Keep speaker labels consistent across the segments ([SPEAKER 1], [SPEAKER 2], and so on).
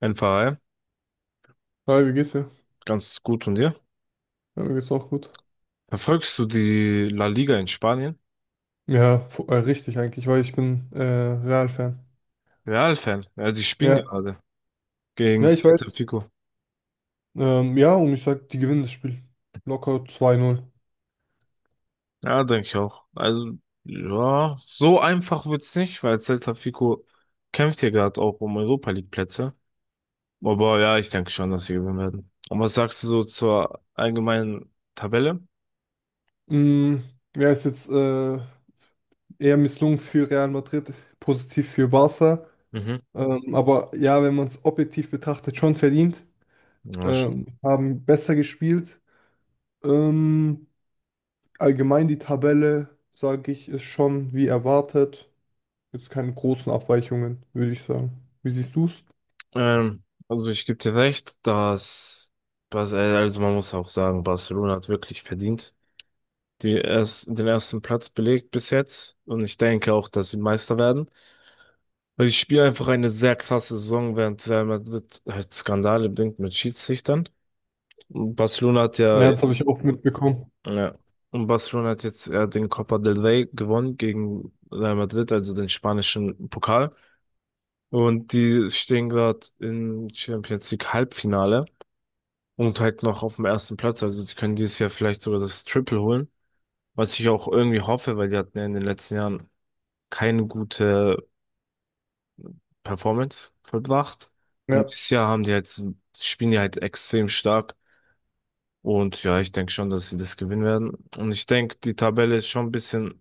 [SPEAKER 1] NVA,
[SPEAKER 2] Hi, wie geht's dir?
[SPEAKER 1] ganz gut und dir?
[SPEAKER 2] Ja, mir geht's auch gut.
[SPEAKER 1] Verfolgst du die La Liga in Spanien?
[SPEAKER 2] Ja, richtig eigentlich, weil ich bin Real-Fan.
[SPEAKER 1] Real-Fan, ja, die spielen
[SPEAKER 2] Ja,
[SPEAKER 1] gerade gegen
[SPEAKER 2] ja, ich
[SPEAKER 1] Celta
[SPEAKER 2] weiß.
[SPEAKER 1] Vigo.
[SPEAKER 2] Ja, und ich sag, die gewinnen das Spiel. Locker 2-0.
[SPEAKER 1] Ja, denke ich auch. Also, ja, so einfach wird's nicht, weil Celta Vigo kämpft hier gerade auch um Europa League Plätze. Aber ja, ich denke schon, dass sie gewinnen werden. Und was sagst du so zur allgemeinen Tabelle?
[SPEAKER 2] Mm, ja, ist jetzt eher misslungen für Real Madrid, positiv für Barca.
[SPEAKER 1] Mhm.
[SPEAKER 2] Aber ja, wenn man es objektiv betrachtet, schon verdient.
[SPEAKER 1] Ja, sch-
[SPEAKER 2] Haben besser gespielt. Ähm, allgemein die Tabelle, sage ich, ist schon wie erwartet. Gibt es keine großen Abweichungen, würde ich sagen. Wie siehst du es?
[SPEAKER 1] Also ich gebe dir recht, dass also man muss auch sagen, Barcelona hat wirklich verdient. Den ersten Platz belegt bis jetzt. Und ich denke auch, dass sie Meister werden. Weil ich spiele einfach eine sehr krasse Saison, während Real Madrid halt Skandale bringt mit Schiedsrichtern. Und Barcelona hat ja,
[SPEAKER 2] Ja, das habe ich also auch mitbekommen.
[SPEAKER 1] ja, und Barcelona hat jetzt ja den Copa del Rey gewonnen gegen Real Madrid, also den spanischen Pokal. Und die stehen gerade im Champions League Halbfinale und halt noch auf dem ersten Platz. Also die können dieses Jahr vielleicht sogar das Triple holen. Was ich auch irgendwie hoffe, weil die hatten ja in den letzten Jahren keine gute Performance vollbracht. Und
[SPEAKER 2] Ja.
[SPEAKER 1] dieses Jahr haben die halt, so, spielen die halt extrem stark. Und ja, ich denke schon, dass sie das gewinnen werden. Und ich denke, die Tabelle ist schon ein bisschen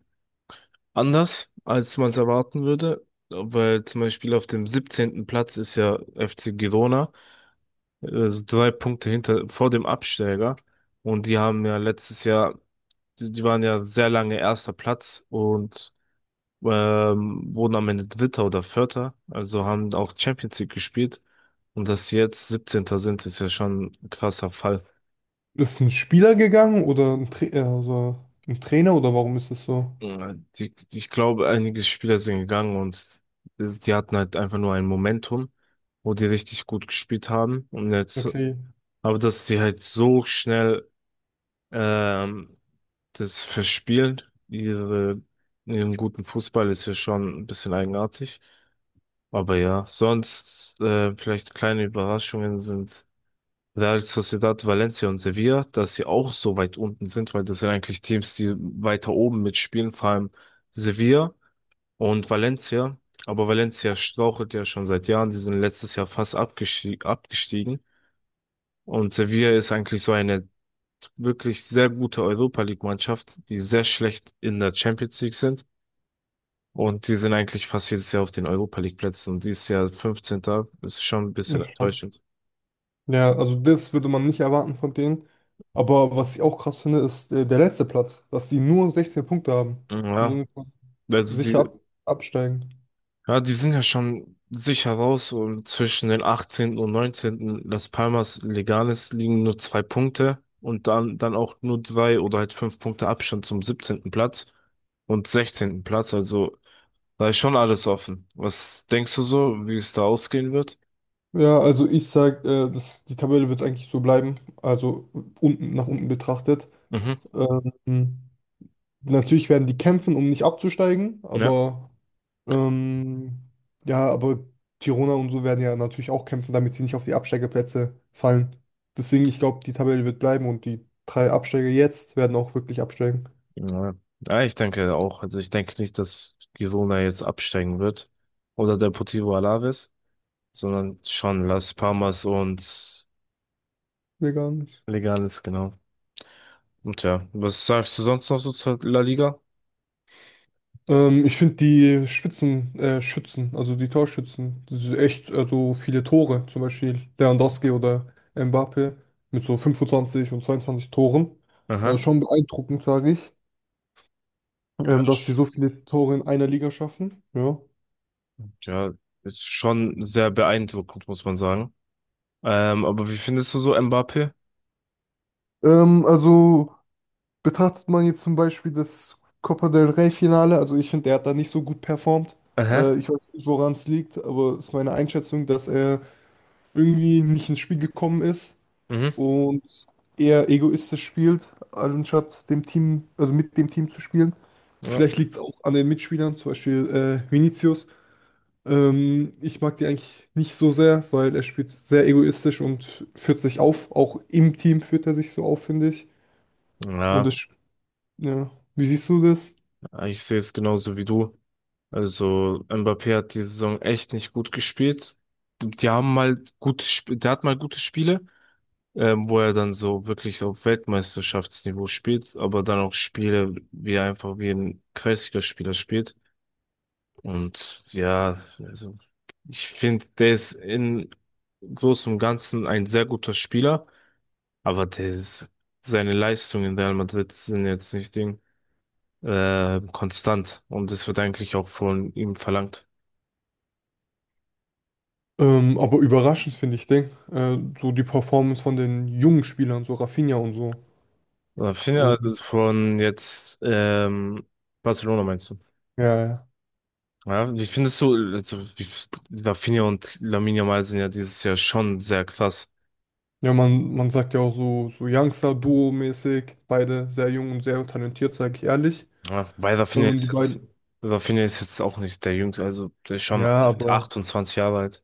[SPEAKER 1] anders, als man es erwarten würde. Weil zum Beispiel auf dem siebzehnten Platz ist ja FC Girona, also drei Punkte hinter, vor dem Absteiger. Und die haben ja letztes Jahr, die waren ja sehr lange erster Platz und wurden am Ende Dritter oder Vierter, also haben auch Champions League gespielt. Und dass sie jetzt Siebzehnter sind, ist ja schon ein krasser Fall.
[SPEAKER 2] Ist ein Spieler gegangen oder ein, Tra also ein Trainer, oder warum ist es so?
[SPEAKER 1] Mhm. Ich glaube, einige Spieler sind gegangen und die hatten halt einfach nur ein Momentum, wo die richtig gut gespielt haben. Und jetzt,
[SPEAKER 2] Okay.
[SPEAKER 1] aber dass sie halt so schnell ähm, das verspielen, ihre, ihren guten Fußball, ist ja schon ein bisschen eigenartig. Aber ja, sonst vielleicht kleine Überraschungen sind. Real Sociedad, Valencia und Sevilla, dass sie auch so weit unten sind, weil das sind eigentlich Teams, die weiter oben mitspielen, vor allem Sevilla und Valencia. Aber Valencia strauchelt ja schon seit Jahren, die sind letztes Jahr fast abgestiegen. Und Sevilla ist eigentlich so eine wirklich sehr gute Europa League-Mannschaft, die sehr schlecht in der Champions League sind. Und die sind eigentlich fast jedes Jahr auf den Europa League-Plätzen. Und dieses Jahr 15. ist schon ein bisschen
[SPEAKER 2] Ist schon-
[SPEAKER 1] enttäuschend.
[SPEAKER 2] Ja, also das würde man nicht erwarten von denen. Aber was ich auch krass finde, ist der letzte Platz, dass die nur 16 Punkte haben
[SPEAKER 1] Ja,
[SPEAKER 2] und somit
[SPEAKER 1] also
[SPEAKER 2] sicher
[SPEAKER 1] die,
[SPEAKER 2] ab absteigen.
[SPEAKER 1] Ja, die sind ja schon sicher raus und zwischen den 18. und 19. Las Palmas Leganes liegen nur zwei Punkte und dann auch nur drei oder halt fünf Punkte Abstand zum 17. Platz und 16. Platz. Also da ist schon alles offen. Was denkst du so, wie es da ausgehen wird?
[SPEAKER 2] Ja, also ich sag, das, die Tabelle wird eigentlich so bleiben. Also unten nach unten betrachtet.
[SPEAKER 1] Mhm.
[SPEAKER 2] Ähm, Natürlich werden die kämpfen, um nicht abzusteigen,
[SPEAKER 1] Ja.
[SPEAKER 2] aber ähm, ja, aber Girona und so werden ja natürlich auch kämpfen, damit sie nicht auf die Absteigerplätze fallen. Deswegen, ich glaube, die Tabelle wird bleiben und die 3 Absteiger jetzt werden auch wirklich absteigen.
[SPEAKER 1] Ja. Ja, ich denke auch. Also ich denke nicht, dass Girona jetzt absteigen wird oder Deportivo Alaves, sondern schon Las Palmas und
[SPEAKER 2] Nee, gar nicht.
[SPEAKER 1] Leganes, genau. Und ja, was sagst du sonst noch so zur La Liga?
[SPEAKER 2] Ich finde die Spitzen, Schützen, also die Torschützen, das ist echt, also viele Tore, zum Beispiel Lewandowski oder Mbappé mit so 25 und 22 Toren. Das ist
[SPEAKER 1] Aha.
[SPEAKER 2] schon beeindruckend, sage ich.
[SPEAKER 1] Ja,
[SPEAKER 2] Dass sie
[SPEAKER 1] ich-
[SPEAKER 2] so viele Tore in einer Liga schaffen. Ja.
[SPEAKER 1] ja, ist schon sehr beeindruckend, muss man sagen. Aber wie findest du so Mbappé?
[SPEAKER 2] Also betrachtet man jetzt zum Beispiel das Copa del Rey-Finale, also ich finde, der hat da nicht so gut performt.
[SPEAKER 1] Aha.
[SPEAKER 2] Ich weiß nicht, woran es liegt, aber es ist meine Einschätzung, dass er irgendwie nicht ins Spiel gekommen ist
[SPEAKER 1] Mhm.
[SPEAKER 2] und eher egoistisch spielt, anstatt dem Team, also mit dem Team zu spielen.
[SPEAKER 1] Ja.
[SPEAKER 2] Vielleicht liegt es auch an den Mitspielern, zum Beispiel Vinicius. Ich mag die eigentlich nicht so sehr, weil er spielt sehr egoistisch und führt sich auf. Auch im Team führt er sich so auf, finde ich. Und
[SPEAKER 1] Ja,
[SPEAKER 2] ja, wie siehst du das?
[SPEAKER 1] ich sehe es genauso wie du. Also Mbappé hat die Saison echt nicht gut gespielt. Die haben mal gute, Sp- Der hat mal gute Spiele, wo er dann so wirklich auf Weltmeisterschaftsniveau spielt, aber dann auch Spiele, wie er einfach wie ein Kreisligaspieler spielt. Und ja, also ich finde, der ist in großem und Ganzen ein sehr guter Spieler, aber seine Leistungen in Real Madrid sind jetzt nicht konstant und es wird eigentlich auch von ihm verlangt.
[SPEAKER 2] Aber überraschend finde ich Ding. So die Performance von den jungen Spielern, so Rafinha und so.
[SPEAKER 1] Finde
[SPEAKER 2] Und,
[SPEAKER 1] also von jetzt Barcelona meinst du?
[SPEAKER 2] ja, ja,
[SPEAKER 1] Ja, wie findest du, also, wie, Rafinha und Lamine Yamal sind ja dieses Jahr schon sehr krass.
[SPEAKER 2] ja, man sagt ja auch so, so Youngster-Duo-mäßig. Beide sehr jung und sehr talentiert, sage ich ehrlich.
[SPEAKER 1] Ja, weil
[SPEAKER 2] Und die beiden,
[SPEAKER 1] Rafinha ist jetzt auch nicht der Jüngste, also der ist schon
[SPEAKER 2] ja,
[SPEAKER 1] alt,
[SPEAKER 2] aber.
[SPEAKER 1] 28 Jahre alt.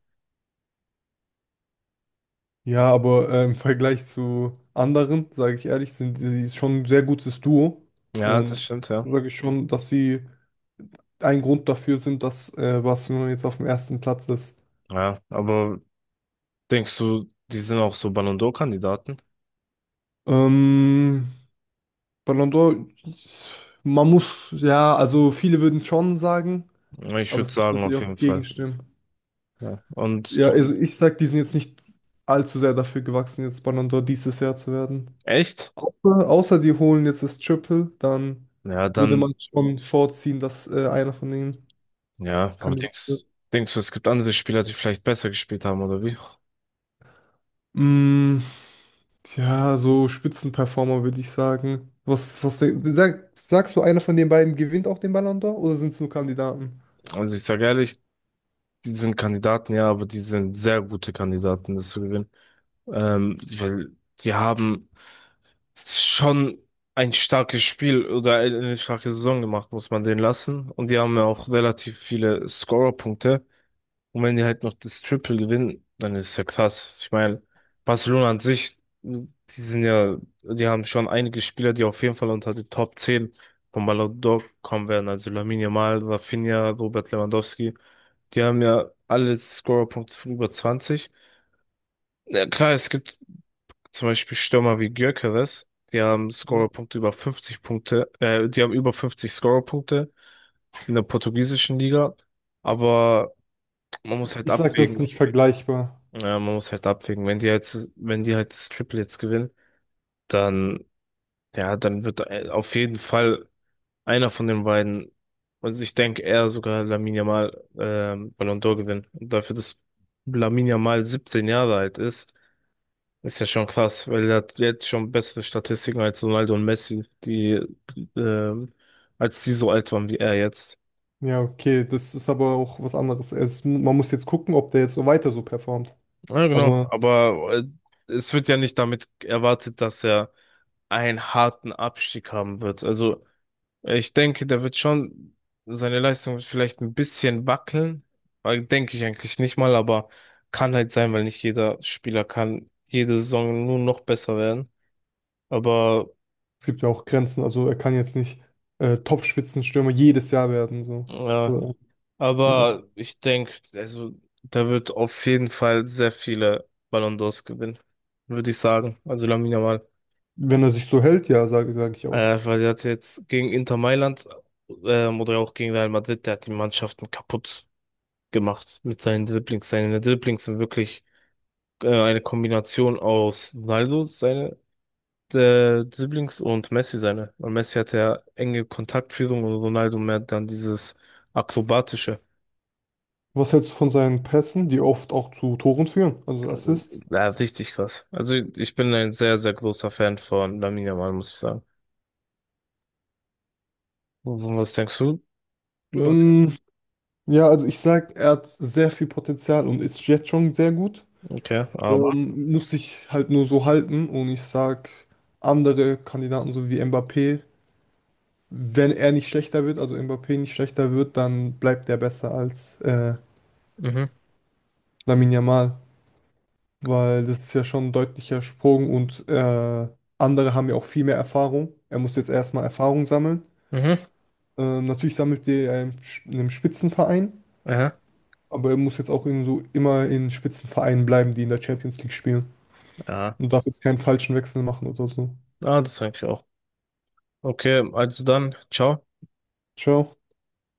[SPEAKER 2] Ja, aber im Vergleich zu anderen, sage ich ehrlich, sind sie schon ein sehr gutes Duo.
[SPEAKER 1] Ja, das
[SPEAKER 2] Und
[SPEAKER 1] stimmt, ja.
[SPEAKER 2] sage ich schon, dass sie ein Grund dafür sind, dass Barcelona jetzt auf dem ersten Platz ist.
[SPEAKER 1] Ja, aber denkst du, die sind auch so Ballon d'Or-Kandidaten?
[SPEAKER 2] Ähm, Ballon d'Or, man muss, ja, also viele würden schon sagen,
[SPEAKER 1] Ja, ich
[SPEAKER 2] aber
[SPEAKER 1] würde
[SPEAKER 2] es gibt
[SPEAKER 1] sagen,
[SPEAKER 2] natürlich
[SPEAKER 1] auf
[SPEAKER 2] auch
[SPEAKER 1] jeden Fall.
[SPEAKER 2] Gegenstimmen.
[SPEAKER 1] Ja. Und
[SPEAKER 2] Ja,
[SPEAKER 1] du,
[SPEAKER 2] also ich sag, die sind jetzt nicht allzu sehr dafür gewachsen, jetzt Ballon d'Or dieses Jahr zu werden.
[SPEAKER 1] echt?
[SPEAKER 2] Gruppe, außer die holen jetzt das Triple, dann
[SPEAKER 1] Ja,
[SPEAKER 2] würde
[SPEAKER 1] dann,
[SPEAKER 2] man schon vorziehen, dass einer von denen
[SPEAKER 1] ja, aber
[SPEAKER 2] Kandidat
[SPEAKER 1] denkst,
[SPEAKER 2] wird.
[SPEAKER 1] denkst du, es gibt andere Spieler, die vielleicht besser gespielt haben, oder wie?
[SPEAKER 2] Mm, ja, so Spitzenperformer würde ich sagen. Was, sagst du, einer von den beiden gewinnt auch den Ballon d'Or, oder sind es nur Kandidaten?
[SPEAKER 1] Also ich sage ehrlich, die sind Kandidaten, ja, aber die sind sehr gute Kandidaten, das zu gewinnen. Weil die haben schon ein starkes Spiel oder eine starke Saison gemacht, muss man denen lassen. Und die haben ja auch relativ viele Scorerpunkte. Und wenn die halt noch das Triple gewinnen, dann ist es ja krass. Ich meine, Barcelona an sich, die sind ja, die haben schon einige Spieler, die auf jeden Fall unter die Top 10 von Ballon d'Or kommen werden. Also Lamine Yamal, Rafinha, Robert Lewandowski. Die haben ja alle Scorerpunkte von über 20. Ja, klar, es gibt zum Beispiel Stürmer wie Gyökeres, die haben über 50 Scorerpunkte in der portugiesischen Liga. Aber man muss halt
[SPEAKER 2] Ich sag, das ist
[SPEAKER 1] abwägen.
[SPEAKER 2] nicht vergleichbar.
[SPEAKER 1] Ja, man muss halt abwägen. Wenn die halt das Triple jetzt gewinnen, dann, ja, dann wird auf jeden Fall einer von den beiden, also ich denke eher sogar Lamine Yamal Ballon d'Or gewinnen. Und dafür, dass Lamine Yamal 17 Jahre alt ist, ist ja schon krass, weil er hat jetzt schon bessere Statistiken als Ronaldo und Messi, ähm, als die so alt waren wie er jetzt.
[SPEAKER 2] Ja, okay, das ist aber auch was anderes. Es, man muss jetzt gucken, ob der jetzt so weiter so performt.
[SPEAKER 1] Ja, genau.
[SPEAKER 2] Aber
[SPEAKER 1] Aber es wird ja nicht damit erwartet, dass er einen harten Abstieg haben wird. Also ich denke, der wird schon, seine Leistung wird vielleicht ein bisschen wackeln. Denke ich eigentlich nicht mal, aber kann halt sein, weil nicht jeder Spieler kann jede Saison nur noch besser werden. Aber,
[SPEAKER 2] es gibt ja auch Grenzen. Also er kann jetzt nicht Top-Spitzenstürmer jedes Jahr werden. So.
[SPEAKER 1] äh,
[SPEAKER 2] Oder wieder.
[SPEAKER 1] aber ich denke, also der wird auf jeden Fall sehr viele Ballon d'Ors gewinnen, würde ich sagen. Also Lamine Yamal.
[SPEAKER 2] Wenn er sich so hält, ja, sag ich auch.
[SPEAKER 1] Weil der hat jetzt gegen Inter Mailand oder auch gegen Real Madrid, der hat die Mannschaften kaputt gemacht mit seinen Dribblings. Seine Dribblings sind wirklich eine Kombination aus Ronaldo, seine Dribblings und Messi seine. Und Messi hat ja enge Kontaktführung und Ronaldo mehr dann dieses Akrobatische.
[SPEAKER 2] Was hältst du von seinen Pässen, die oft auch zu Toren führen, also Assists?
[SPEAKER 1] Ja, richtig krass. Also ich bin ein sehr, sehr großer Fan von Lamine Yamal, muss ich sagen. Und was denkst du über den?
[SPEAKER 2] Ähm, ja, also ich sag, er hat sehr viel Potenzial und ist jetzt schon sehr gut.
[SPEAKER 1] Okay, aber.
[SPEAKER 2] Muss sich halt nur so halten und ich sag, andere Kandidaten, so wie Mbappé, wenn er nicht schlechter wird, also Mbappé nicht schlechter wird, dann bleibt er besser als
[SPEAKER 1] Mhm,
[SPEAKER 2] Lamine Yamal, weil das ist ja schon ein deutlicher Sprung und andere haben ja auch viel mehr Erfahrung. Er muss jetzt erstmal Erfahrung sammeln.
[SPEAKER 1] mhm,
[SPEAKER 2] Natürlich sammelt er ja in einem Spitzenverein,
[SPEAKER 1] aha,
[SPEAKER 2] aber er muss jetzt auch in so immer in Spitzenvereinen bleiben, die in der Champions League spielen.
[SPEAKER 1] ja.
[SPEAKER 2] Und darf jetzt keinen falschen Wechsel machen oder so.
[SPEAKER 1] Ah, das denke ich auch. Okay, also dann, ciao.
[SPEAKER 2] Ciao.